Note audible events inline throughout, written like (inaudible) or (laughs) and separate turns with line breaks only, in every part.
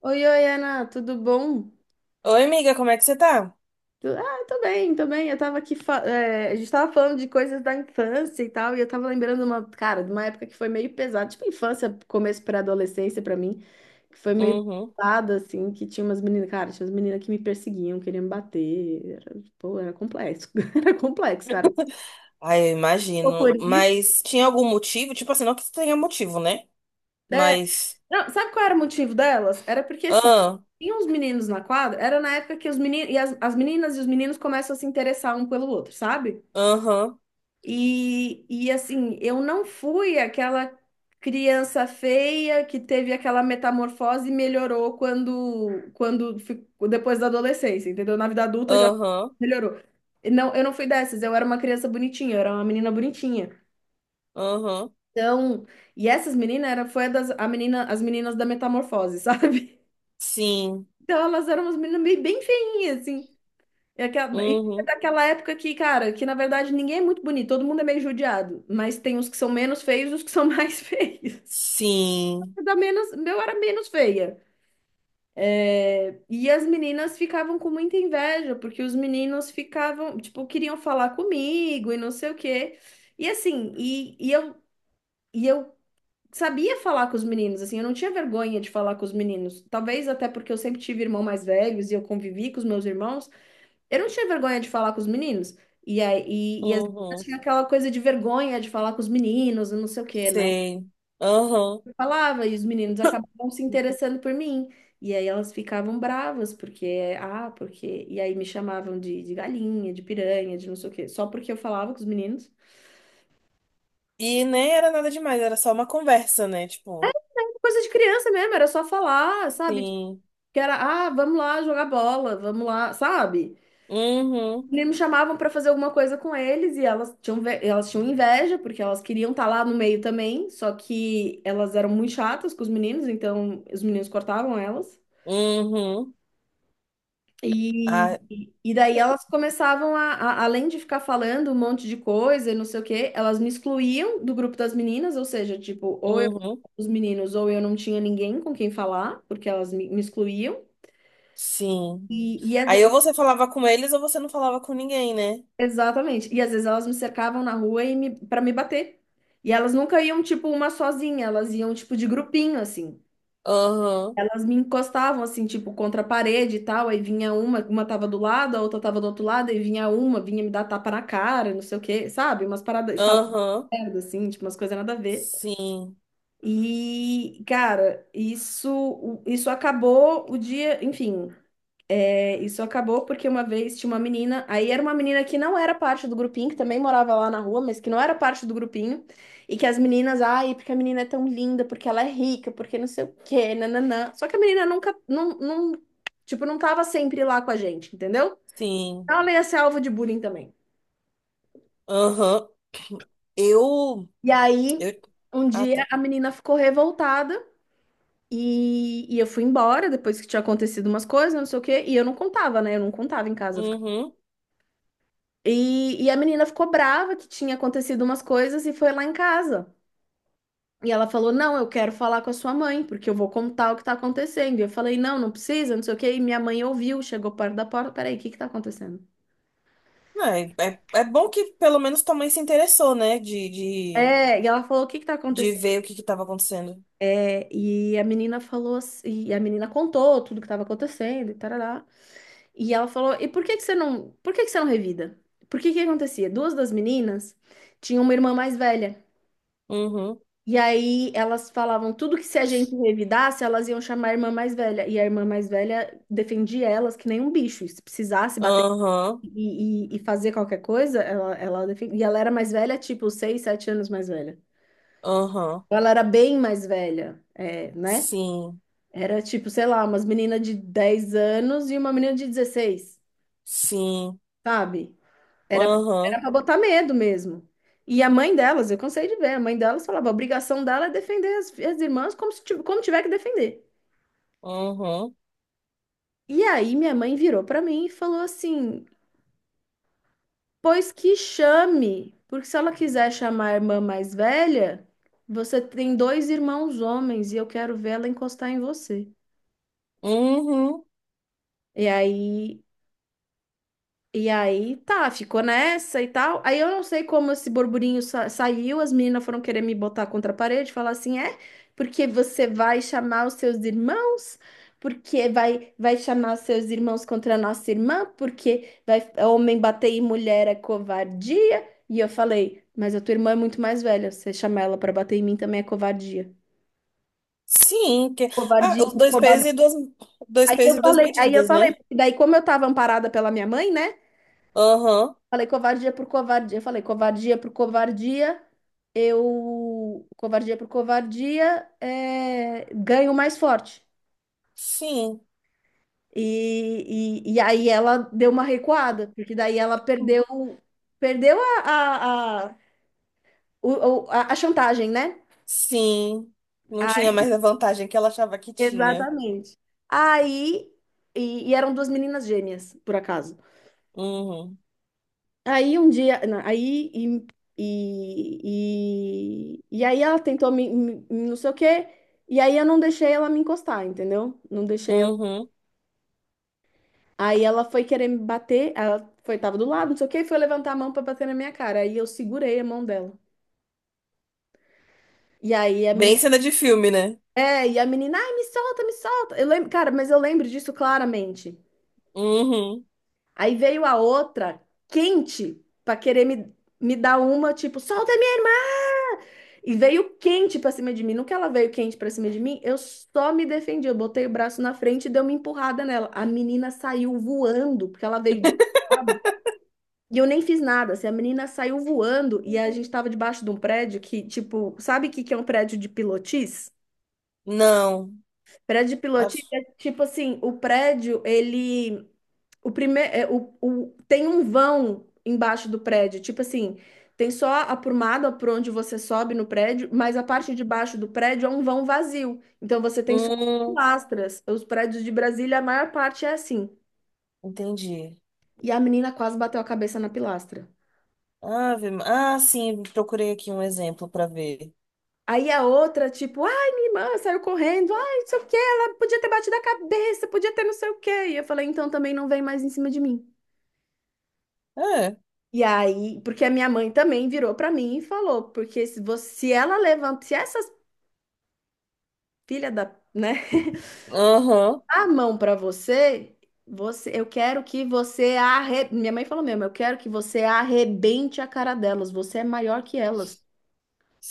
Oi, oi, Ana, tudo bom?
Oi, amiga, como é que você tá?
Ah, tô bem, tô bem. Eu tava aqui, a gente tava falando de coisas da infância e tal, e eu tava lembrando cara, de uma época que foi meio pesada, tipo infância, começo para adolescência pra mim, que foi meio
Uhum.
pesada, assim, que tinha umas meninas, cara, tinha umas meninas que me perseguiam, queriam me bater, pô, era complexo, (laughs) era complexo, cara.
Ai, eu
Pô,
imagino. Mas tinha algum motivo? Tipo assim, não que tenha motivo, né?
é,
Mas.
não, sabe qual era o motivo delas? Era porque, assim,
Ah,
tinha uns meninos na quadra, era na época que os meninos, e as meninas e os meninos começam a se interessar um pelo outro, sabe?
aham,
E assim, eu não fui aquela criança feia que teve aquela metamorfose e melhorou quando, quando ficou- depois da adolescência, entendeu? Na vida adulta já
aham,
melhorou. Não, eu não fui dessas, eu era uma criança bonitinha, eu era uma menina bonitinha.
aham.
Então, e essas meninas era foi a das a menina, as meninas da metamorfose, sabe? (laughs)
Sim.
Então elas eram umas meninas meio bem feinhas, assim. É que- É
Uhum.
daquela época que, cara, que na verdade ninguém é muito bonito, todo mundo é meio judiado, mas tem os que são menos feios e os que são mais (laughs) feios.
Sim.
Eu era menos feia. E as meninas ficavam com muita inveja, porque os meninos ficavam, tipo, queriam falar comigo e não sei o quê. E assim, e eu sabia falar com os meninos, assim, eu não tinha vergonha de falar com os meninos. Talvez até porque eu sempre tive irmãos mais velhos e eu convivi com os meus irmãos. Eu não tinha vergonha de falar com os meninos. E aí, as meninas
Uhum.
tinham aquela coisa de vergonha de falar com os meninos, e não sei o quê, né?
Sei. Aham.
Eu falava, e os meninos acabavam se interessando por mim. E aí elas ficavam bravas, porque, ah, porque. E aí me chamavam de galinha, de piranha, de não sei o quê, só porque eu falava com os meninos.
E nem era nada demais, era só uma conversa, né? Tipo,
Coisa de criança mesmo, era só falar, sabe? Tipo,
sim.
Que era, vamos lá jogar bola, vamos lá, sabe?
Uhum.
E me chamavam para fazer alguma coisa com eles e elas tinham, elas tinham inveja, porque elas queriam estar lá no meio também, só que elas eram muito chatas com os meninos, então os meninos cortavam elas.
Uhum.
E,
Ah,
e daí elas começavam além de ficar falando um monte de coisa e não sei o quê, elas me excluíam do grupo das meninas, ou seja, tipo, ou eu
uhum.
os meninos ou eu não tinha ninguém com quem falar, porque elas me excluíam.
Sim.
E às
Aí ou você falava com eles ou você não falava com ninguém, né?
Exatamente. E às vezes elas me cercavam na rua e me, para me bater. E elas nunca iam, tipo, uma sozinha, elas iam, tipo, de grupinho, assim.
Aham.
Elas me encostavam, assim, tipo, contra a parede e tal. Aí vinha uma tava do lado, a outra tava do outro lado, aí vinha uma, vinha me dar tapa na cara, não sei o quê, sabe? Umas paradas, e falava
Aham,
merda, assim, tipo, umas coisas nada a ver.
sim,
E, cara, isso acabou o dia, enfim. Isso acabou porque uma vez tinha uma menina, aí era uma menina que não era parte do grupinho, que também morava lá na rua, mas que não era parte do grupinho, e que as meninas, ai, porque a menina é tão linda, porque ela é rica, porque não sei o quê, nananã. Só que a menina nunca, não, não, tipo, não tava sempre lá com a gente, entendeu?
sim,
Então ela ia ser alvo de bullying também.
aham. Eu,
E aí,
eu,
um
ah
dia
tá,
a menina ficou revoltada e eu fui embora depois que tinha acontecido umas coisas, não sei o quê, e eu não contava, né? Eu não contava em casa.
uhum.
E a menina ficou brava que tinha acontecido umas coisas e foi lá em casa. E ela falou: "Não, eu quero falar com a sua mãe, porque eu vou contar o que tá acontecendo." E eu falei: "Não, não precisa, não sei o quê." E minha mãe ouviu, chegou perto da porta: "Peraí, o que que tá acontecendo?"
É bom que pelo menos tua mãe se interessou, né, de, de,
É, e ela falou: "O que que tá
de
acontecendo?"
ver o que que tava acontecendo.
É, e a menina falou: "assim-" E a menina contou tudo que tava acontecendo e tarará. E ela falou: "E por que que você não, por que que você não revida?" Por que que acontecia? Duas das meninas tinham uma irmã mais velha.
Uhum,
E aí elas falavam tudo que se a gente revidasse, elas iam chamar a irmã mais velha. E a irmã mais velha defendia elas que nem um bicho. E se precisasse bater
aham,
e fazer qualquer coisa, ela defendia. E ela era mais velha, tipo, 6, 7 anos mais velha.
aham,
Então, ela era bem mais velha, é, né?
sim,
Era tipo, sei lá, umas meninas de 10 anos e uma menina de 16,
sim,
sabe? Era, era
aham,
pra botar medo mesmo. E a mãe delas, eu cansei de ver, a mãe delas falava, a obrigação dela é defender as irmãs como se, como tiver que defender.
uhum,
E aí minha mãe virou para mim e falou assim: "Pois que chame, porque se ela quiser chamar a irmã mais velha, você tem dois irmãos homens e eu quero ver ela encostar em você."
uhum,
E aí E aí, tá, ficou nessa e tal. Aí eu não sei como esse burburinho saiu, as meninas foram querer me botar contra a parede, falar assim, é, porque você vai chamar os seus irmãos, porque vai chamar os seus irmãos contra a nossa irmã, porque vai, homem bater em mulher é covardia. E eu falei, mas a tua irmã é muito mais velha, você chamar ela pra bater em mim também é covardia.
sim, que, ah,
Covardia,
os dois
covardia.
pesos e duas, dois pesos e duas
Aí eu
medidas,
falei,
né?
porque daí como eu tava amparada pela minha mãe, né?
Aham,
Falei covardia por covardia. Falei covardia por covardia. Eu, covardia por covardia, é, ganho mais forte.
sim.
E aí ela deu uma recuada, porque daí ela perdeu, perdeu a, o- a chantagem, né?
Sim, não tinha mais a vantagem que ela achava que tinha.
Exatamente. Aí, e eram duas meninas gêmeas, por acaso.
Uhum,
Aí um dia, na- aí e aí ela tentou me não sei o quê, e aí eu não deixei ela me encostar, entendeu? Não deixei ela.
uhum.
Aí ela foi querer me bater, ela foi, tava do lado, não sei o quê, e foi levantar a mão pra bater na minha cara. Aí eu segurei a mão dela. E aí a
Bem
menina,
cena de filme, né?
e a menina, ai, me solta, me solta. Eu lembro, cara, mas eu lembro disso claramente.
Uhum.
Aí veio a outra, quente, pra querer me dar uma, tipo, solta a minha. E veio quente pra cima de mim. No que ela veio quente pra cima de mim, eu só me defendi. Eu botei o braço na frente e dei uma empurrada nela. A menina saiu voando, porque ela veio desesperada. E eu nem fiz nada. Assim, a menina saiu voando e a gente tava debaixo de um prédio que, tipo, sabe o que que é um prédio de pilotis?
Não.
Prédio de pilotis
Acho-
é tipo assim, o prédio, ele o primeiro, o- tem um vão embaixo do prédio, tipo assim, tem só a prumada por onde você sobe no prédio, mas a parte de baixo do prédio é um vão vazio. Então você tem só
Hum,
pilastras. Os prédios de Brasília, a maior parte é assim.
entendi.
E a menina quase bateu a cabeça na pilastra.
Ave. Ah, sim, procurei aqui um exemplo para ver.
Aí a outra, tipo, ai, minha irmã saiu correndo, ai, não sei o quê, ela podia ter batido a cabeça, podia ter não sei o quê. E eu falei, então também não vem mais em cima de mim.
É.
E aí, porque a minha mãe também virou pra mim e falou, porque se você, se ela levanta, se essa filha da, né,
Aham.
(laughs) a mão pra você, você, eu quero que você arre... Minha mãe falou mesmo, eu quero que você arrebente a cara delas, você é maior que elas.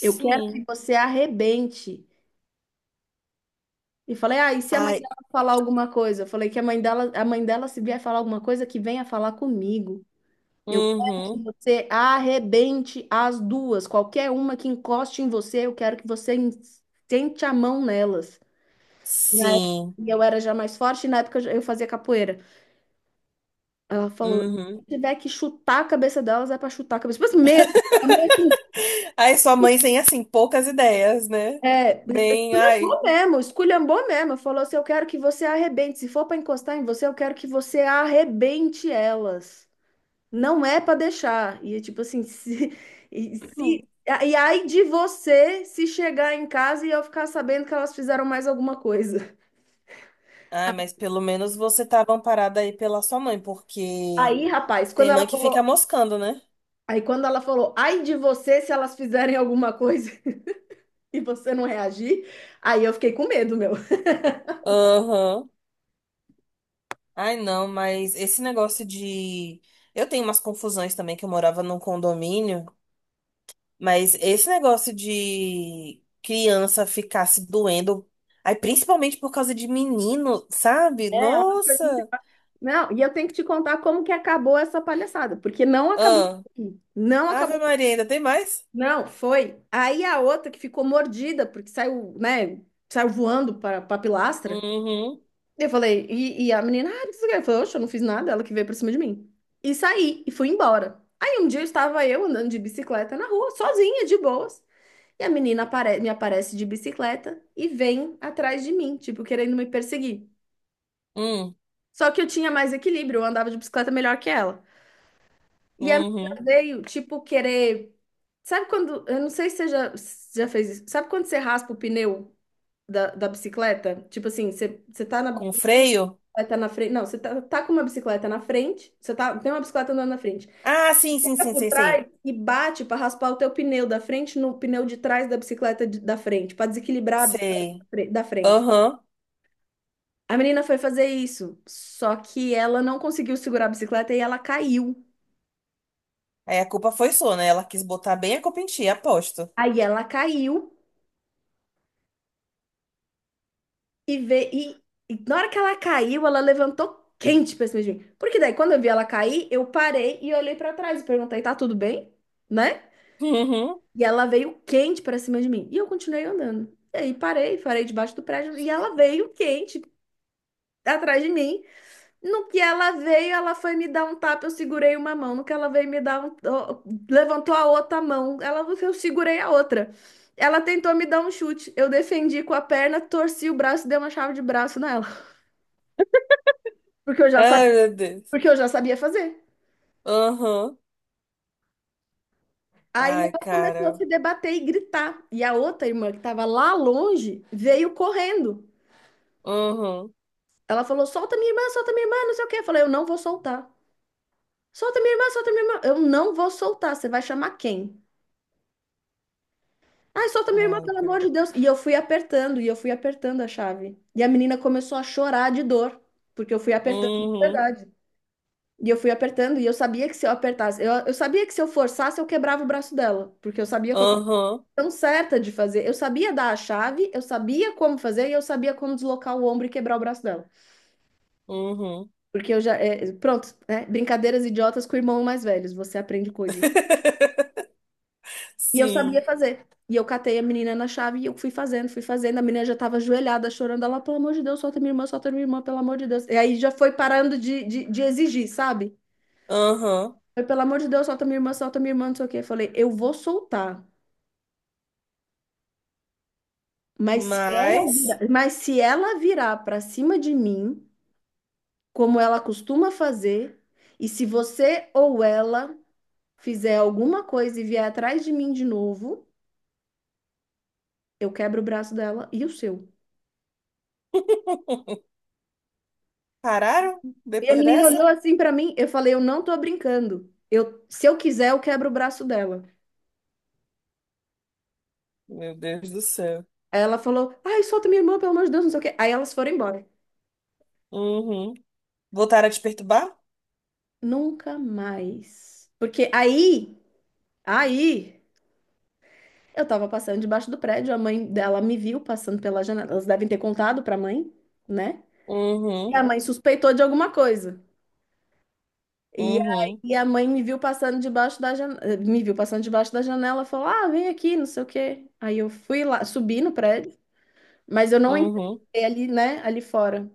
Eu quero que você arrebente. E falei, ah, e se a mãe
Ai.
dela falar alguma coisa? Eu falei que a mãe dela se vier falar alguma coisa, que venha falar comigo. Eu quero que
Uhum.
você arrebente as duas. Qualquer uma que encoste em você, eu quero que você sente a mão nelas.
Sim.
E eu era já mais forte, e na época eu eu fazia capoeira. Ela falou: se
Uhum.
tiver que chutar a cabeça delas, é pra chutar a cabeça. Mas mesmo,
(laughs) Ai, sua mãe tem, assim, poucas ideias, né?
é,
Bem, ai.
esculhambou mesmo, esculhambou mesmo. Falou assim: eu quero que você arrebente. Se for pra encostar em você, eu quero que você arrebente elas. Não é para deixar. E é tipo assim, se, (laughs) e,
Hum.
se, e aí de você se chegar em casa e eu ficar sabendo que elas fizeram mais alguma coisa.
Ai, mas pelo menos você tava amparada aí pela sua mãe, porque
Aí, rapaz,
tem mãe que fica moscando, né?
aí quando ela falou, ai de você se elas fizerem alguma coisa (laughs) e você não reagir, aí eu fiquei com medo, meu.
Aham. Ai, não, mas esse negócio de. Eu tenho umas confusões também, que eu morava num condomínio, mas esse negócio de criança ficar se doendo, aí principalmente por causa de menino, sabe?
É uma coisa muito-
Nossa!
Não, e eu tenho que te contar como que acabou essa palhaçada, porque não acabou.
Ah,
aqui. Não
Ave
acabou.
Maria, ainda tem mais?
Não, foi. Aí a outra que ficou mordida, porque saiu, né, saiu voando para a pilastra.
Uhum,
Eu falei, e a menina, ah, o que você quer? Eu falei, oxe, eu não fiz nada, ela que veio por cima de mim. E saí, e fui embora. Aí um dia eu estava eu andando de bicicleta na rua, sozinha, de boas. E a me aparece de bicicleta e vem atrás de mim, tipo, querendo me perseguir.
uhum,
Só que eu tinha mais equilíbrio, eu andava de bicicleta melhor que ela. E a menina
uhum.
veio, tipo, querer. Sabe quando. Eu não sei se se já fez isso. Sabe quando você raspa o pneu da bicicleta? Tipo assim, você tá
Com freio?
bicicleta na frente. Não, tá com uma bicicleta na frente, tem uma bicicleta andando na frente.
Ah, sim, sim,
Pega
sim,
por
sei,
trás
sei.
e bate para raspar o teu pneu da frente no pneu de trás da da frente, para desequilibrar a
Sei.
da frente.
Aham.
A menina foi fazer isso, só que ela não conseguiu segurar a bicicleta e ela caiu.
Aí a culpa foi sua, né? Ela quis botar bem a culpa em ti, aposto.
Aí ela caiu e veio. E na hora que ela caiu, ela levantou quente pra cima de mim. Porque daí, quando eu vi ela cair, eu parei e olhei para trás e perguntei: tá tudo bem? Né?
Uhum.
E ela veio quente para cima de mim. E eu continuei andando. E aí parei debaixo do prédio e ela veio quente atrás de mim. No que ela veio, ela foi me dar um tapa, eu segurei uma mão. No que ela veio me dar um, ó, levantou a outra mão, ela eu segurei a outra. Ela tentou me dar um chute. Eu defendi com a perna, torci o braço e dei uma chave de braço nela, porque eu
(laughs)
já sabia,
Ai, meu Deus.
porque eu já sabia fazer.
Aham.
Aí
Ai,
ela começou a
cara.
se debater e gritar. E a outra irmã, que estava lá longe, veio correndo.
Uhum.
Ela falou: solta minha irmã, não sei o quê. Eu falei: eu não vou soltar. Solta minha irmã, solta minha irmã. Eu não vou soltar. Você vai chamar quem? Ai, solta minha irmã,
Ai,
pelo amor
cara.
de Deus. E eu fui apertando, e eu fui apertando a chave. E a menina começou a chorar de dor, porque eu fui apertando de
Uhum.
verdade. E eu fui apertando, e eu sabia que se eu apertasse, eu sabia que se eu forçasse, eu quebrava o braço dela, porque eu sabia que eu estava
Aham.
tão certa de fazer. Eu sabia dar a chave, eu sabia como fazer, e eu sabia como deslocar o ombro e quebrar o braço dela.
Uhum.
Porque eu já. É, pronto, né? Brincadeiras idiotas com o irmão mais velhos, você aprende coisas.
(laughs)
E eu sabia
Sim.
fazer. E eu catei a menina na chave e eu fui fazendo, fui fazendo. A menina já tava ajoelhada, chorando. Ela, pelo amor de Deus, solta minha irmã, pelo amor de Deus. E aí já foi parando de exigir, sabe?
Aham.
Foi, pelo amor de Deus, solta minha irmã, não sei o quê. Eu falei, eu vou soltar.
Mas
Mas se ela virar pra cima de mim, como ela costuma fazer, e se você ou ela fizer alguma coisa e vier atrás de mim de novo, eu quebro o braço dela e o seu.
pararam
E a
depois
menina
dessa?
olhou assim pra mim, eu falei, eu não tô brincando. Eu, se eu quiser, eu quebro o braço dela.
Meu Deus do céu.
Aí ela falou, ai, solta minha irmã, pelo amor de Deus, não sei o quê. Aí elas foram embora.
Uhum. Voltaram a te perturbar?
Nunca mais. Porque aí, eu tava passando debaixo do prédio, a mãe dela me viu passando pela janela. Elas devem ter contado pra mãe, né? E a
Uhum.
mãe suspeitou de alguma coisa. E
Uhum.
aí a mãe me viu passando debaixo da janela, me viu passando debaixo da janela, falou: "Ah, vem aqui, não sei o quê". Aí eu fui lá, subi no prédio, mas eu não
Uhum.
entrei ali, né, ali fora.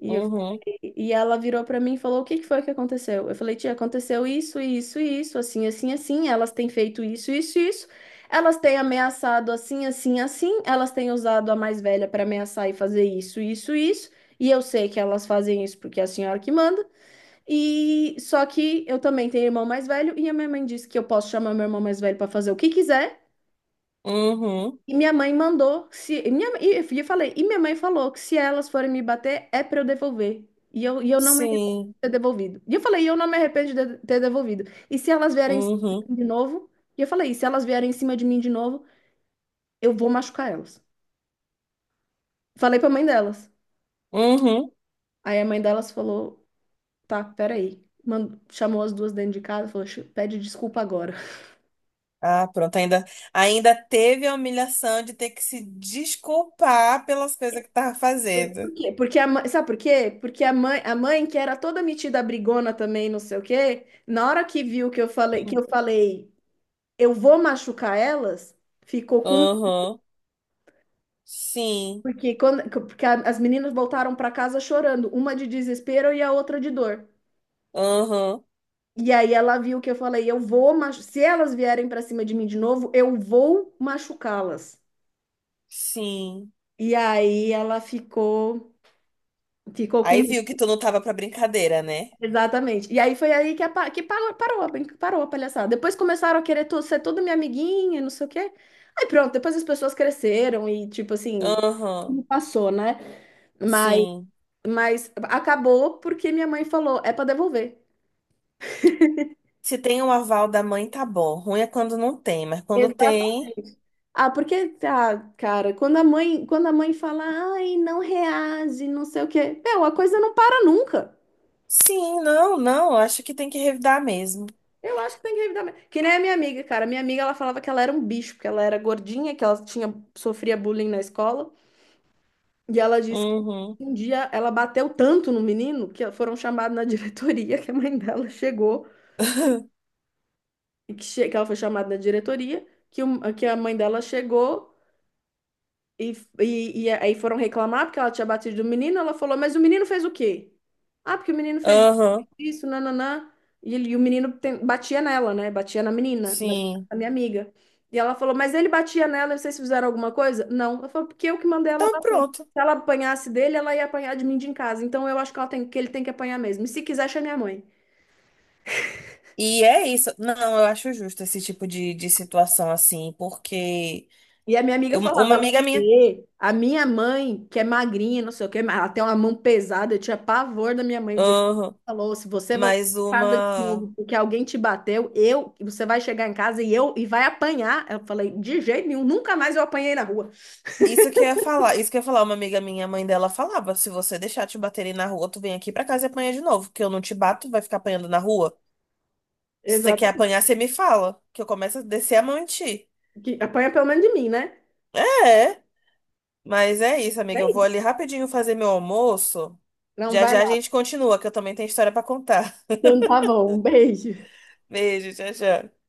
E,
Uhum.
e ela virou pra mim e falou: "O que que foi que aconteceu?". Eu falei: "Tia, aconteceu isso, isso, isso, assim, assim, assim, elas têm feito isso, isso, isso. Elas têm ameaçado assim, assim, assim, elas têm usado a mais velha para ameaçar e fazer isso, isso, isso, e eu sei que elas fazem isso porque é a senhora que manda. E só que eu também tenho irmão mais velho e a minha mãe disse que eu posso chamar meu irmão mais velho para fazer o que quiser.
Uhum.
E minha mãe mandou, se e minha e eu falei, e minha mãe falou que se elas forem me bater é para eu devolver. E eu não me arrependo
Sim.
de ter devolvido. E eu falei, e eu não me arrependo de ter devolvido. E se elas vierem em cima de
Uhum.
mim de novo, e eu falei, e se elas vierem em cima de mim de novo, eu vou machucar elas. Falei para a mãe delas.
Uhum.
Aí a mãe delas falou, tá, peraí. Mandou, chamou as duas dentro de casa, falou, pede desculpa agora.
Ah, pronto, ainda teve a humilhação de ter que se desculpar pelas coisas que tava fazendo.
Quê? Porque a mãe, sabe por quê? Porque a mãe que era toda metida brigona também, não sei o quê, na hora que viu que eu falei, eu vou machucar elas, ficou com medo,
Aham, sim,
porque quando porque a- as meninas voltaram para casa chorando, uma de desespero e a outra de dor.
aham,
E aí ela viu que eu falei, se elas vierem para cima de mim de novo, eu vou machucá-las.
sim.
E aí ficou com
Aí viu que tu não tava pra brincadeira, né?
Exatamente. E aí foi aí que parou a palhaçada. Depois começaram a ser toda minha amiguinha, não sei o quê. Aí pronto, depois as pessoas cresceram e, tipo assim,
Aham,
passou, né? Mas,
sim.
mas acabou porque minha mãe falou, é para devolver.
Se tem um aval da mãe, tá bom. Ruim é quando não tem, mas quando tem,
Exatamente. Ah, cara, quando a mãe fala, ai, não reage, não sei o quê, meu, a coisa não para nunca.
sim, não, não, acho que tem que revidar mesmo.
Eu acho que tem que revidar mesmo. Que nem a minha amiga, cara. Minha amiga, ela falava que ela era um bicho, porque ela era gordinha, sofria bullying na escola. E ela disse que
Uhum.
um dia ela bateu tanto no menino que foram chamados na (laughs) diretoria, que a mãe dela chegou,
(laughs)
e que ela foi chamada na diretoria, que a mãe dela chegou. E, e aí foram reclamar porque ela tinha batido o menino. Ela falou, mas o menino fez o quê? Ah, porque o menino fez
Aham,
isso, nananã. E, e o batia nela, né? Batia na menina,
sim.
da minha amiga. E ela falou, mas ele batia nela, vocês fizeram alguma coisa? Não. Ela falou, porque eu que mandei ela
Então
bater.
pronto.
Se ela apanhasse dele, ela ia apanhar de mim de em casa. Então eu acho que ele tem que apanhar mesmo. E se quiser, chama minha mãe.
E é isso. Não, eu acho justo esse tipo de situação assim, porque
E a minha amiga falava,
uma
ela,
amiga minha,
"Ê, a minha mãe, que é magrinha, não sei o quê, mas ela tem uma mão pesada, eu tinha pavor da minha mãe, o dia que ela
aham,
falou, se você voltar
mas
pra casa de
uma.
novo porque alguém te bateu, você vai chegar em casa e vai apanhar. Eu falei, de jeito nenhum, nunca mais eu apanhei na rua.
Isso que eu ia falar, isso que eu ia falar, uma amiga minha, a mãe dela falava: se você deixar te baterem na rua, tu vem aqui pra casa e apanha de novo, porque eu não te bato, vai ficar apanhando na rua. Se você quer
Exatamente.
apanhar, você me fala, que eu começo a descer a mão em ti.
Que apanha pelo menos de mim, né?
É, mas é isso,
É
amiga. Eu vou
isso.
ali rapidinho fazer meu almoço.
Não,
Já
vai
já a
lá.
gente continua, que eu também tenho história pra contar.
Então tá bom, um beijo.
(laughs) Beijo, tchau, tchau.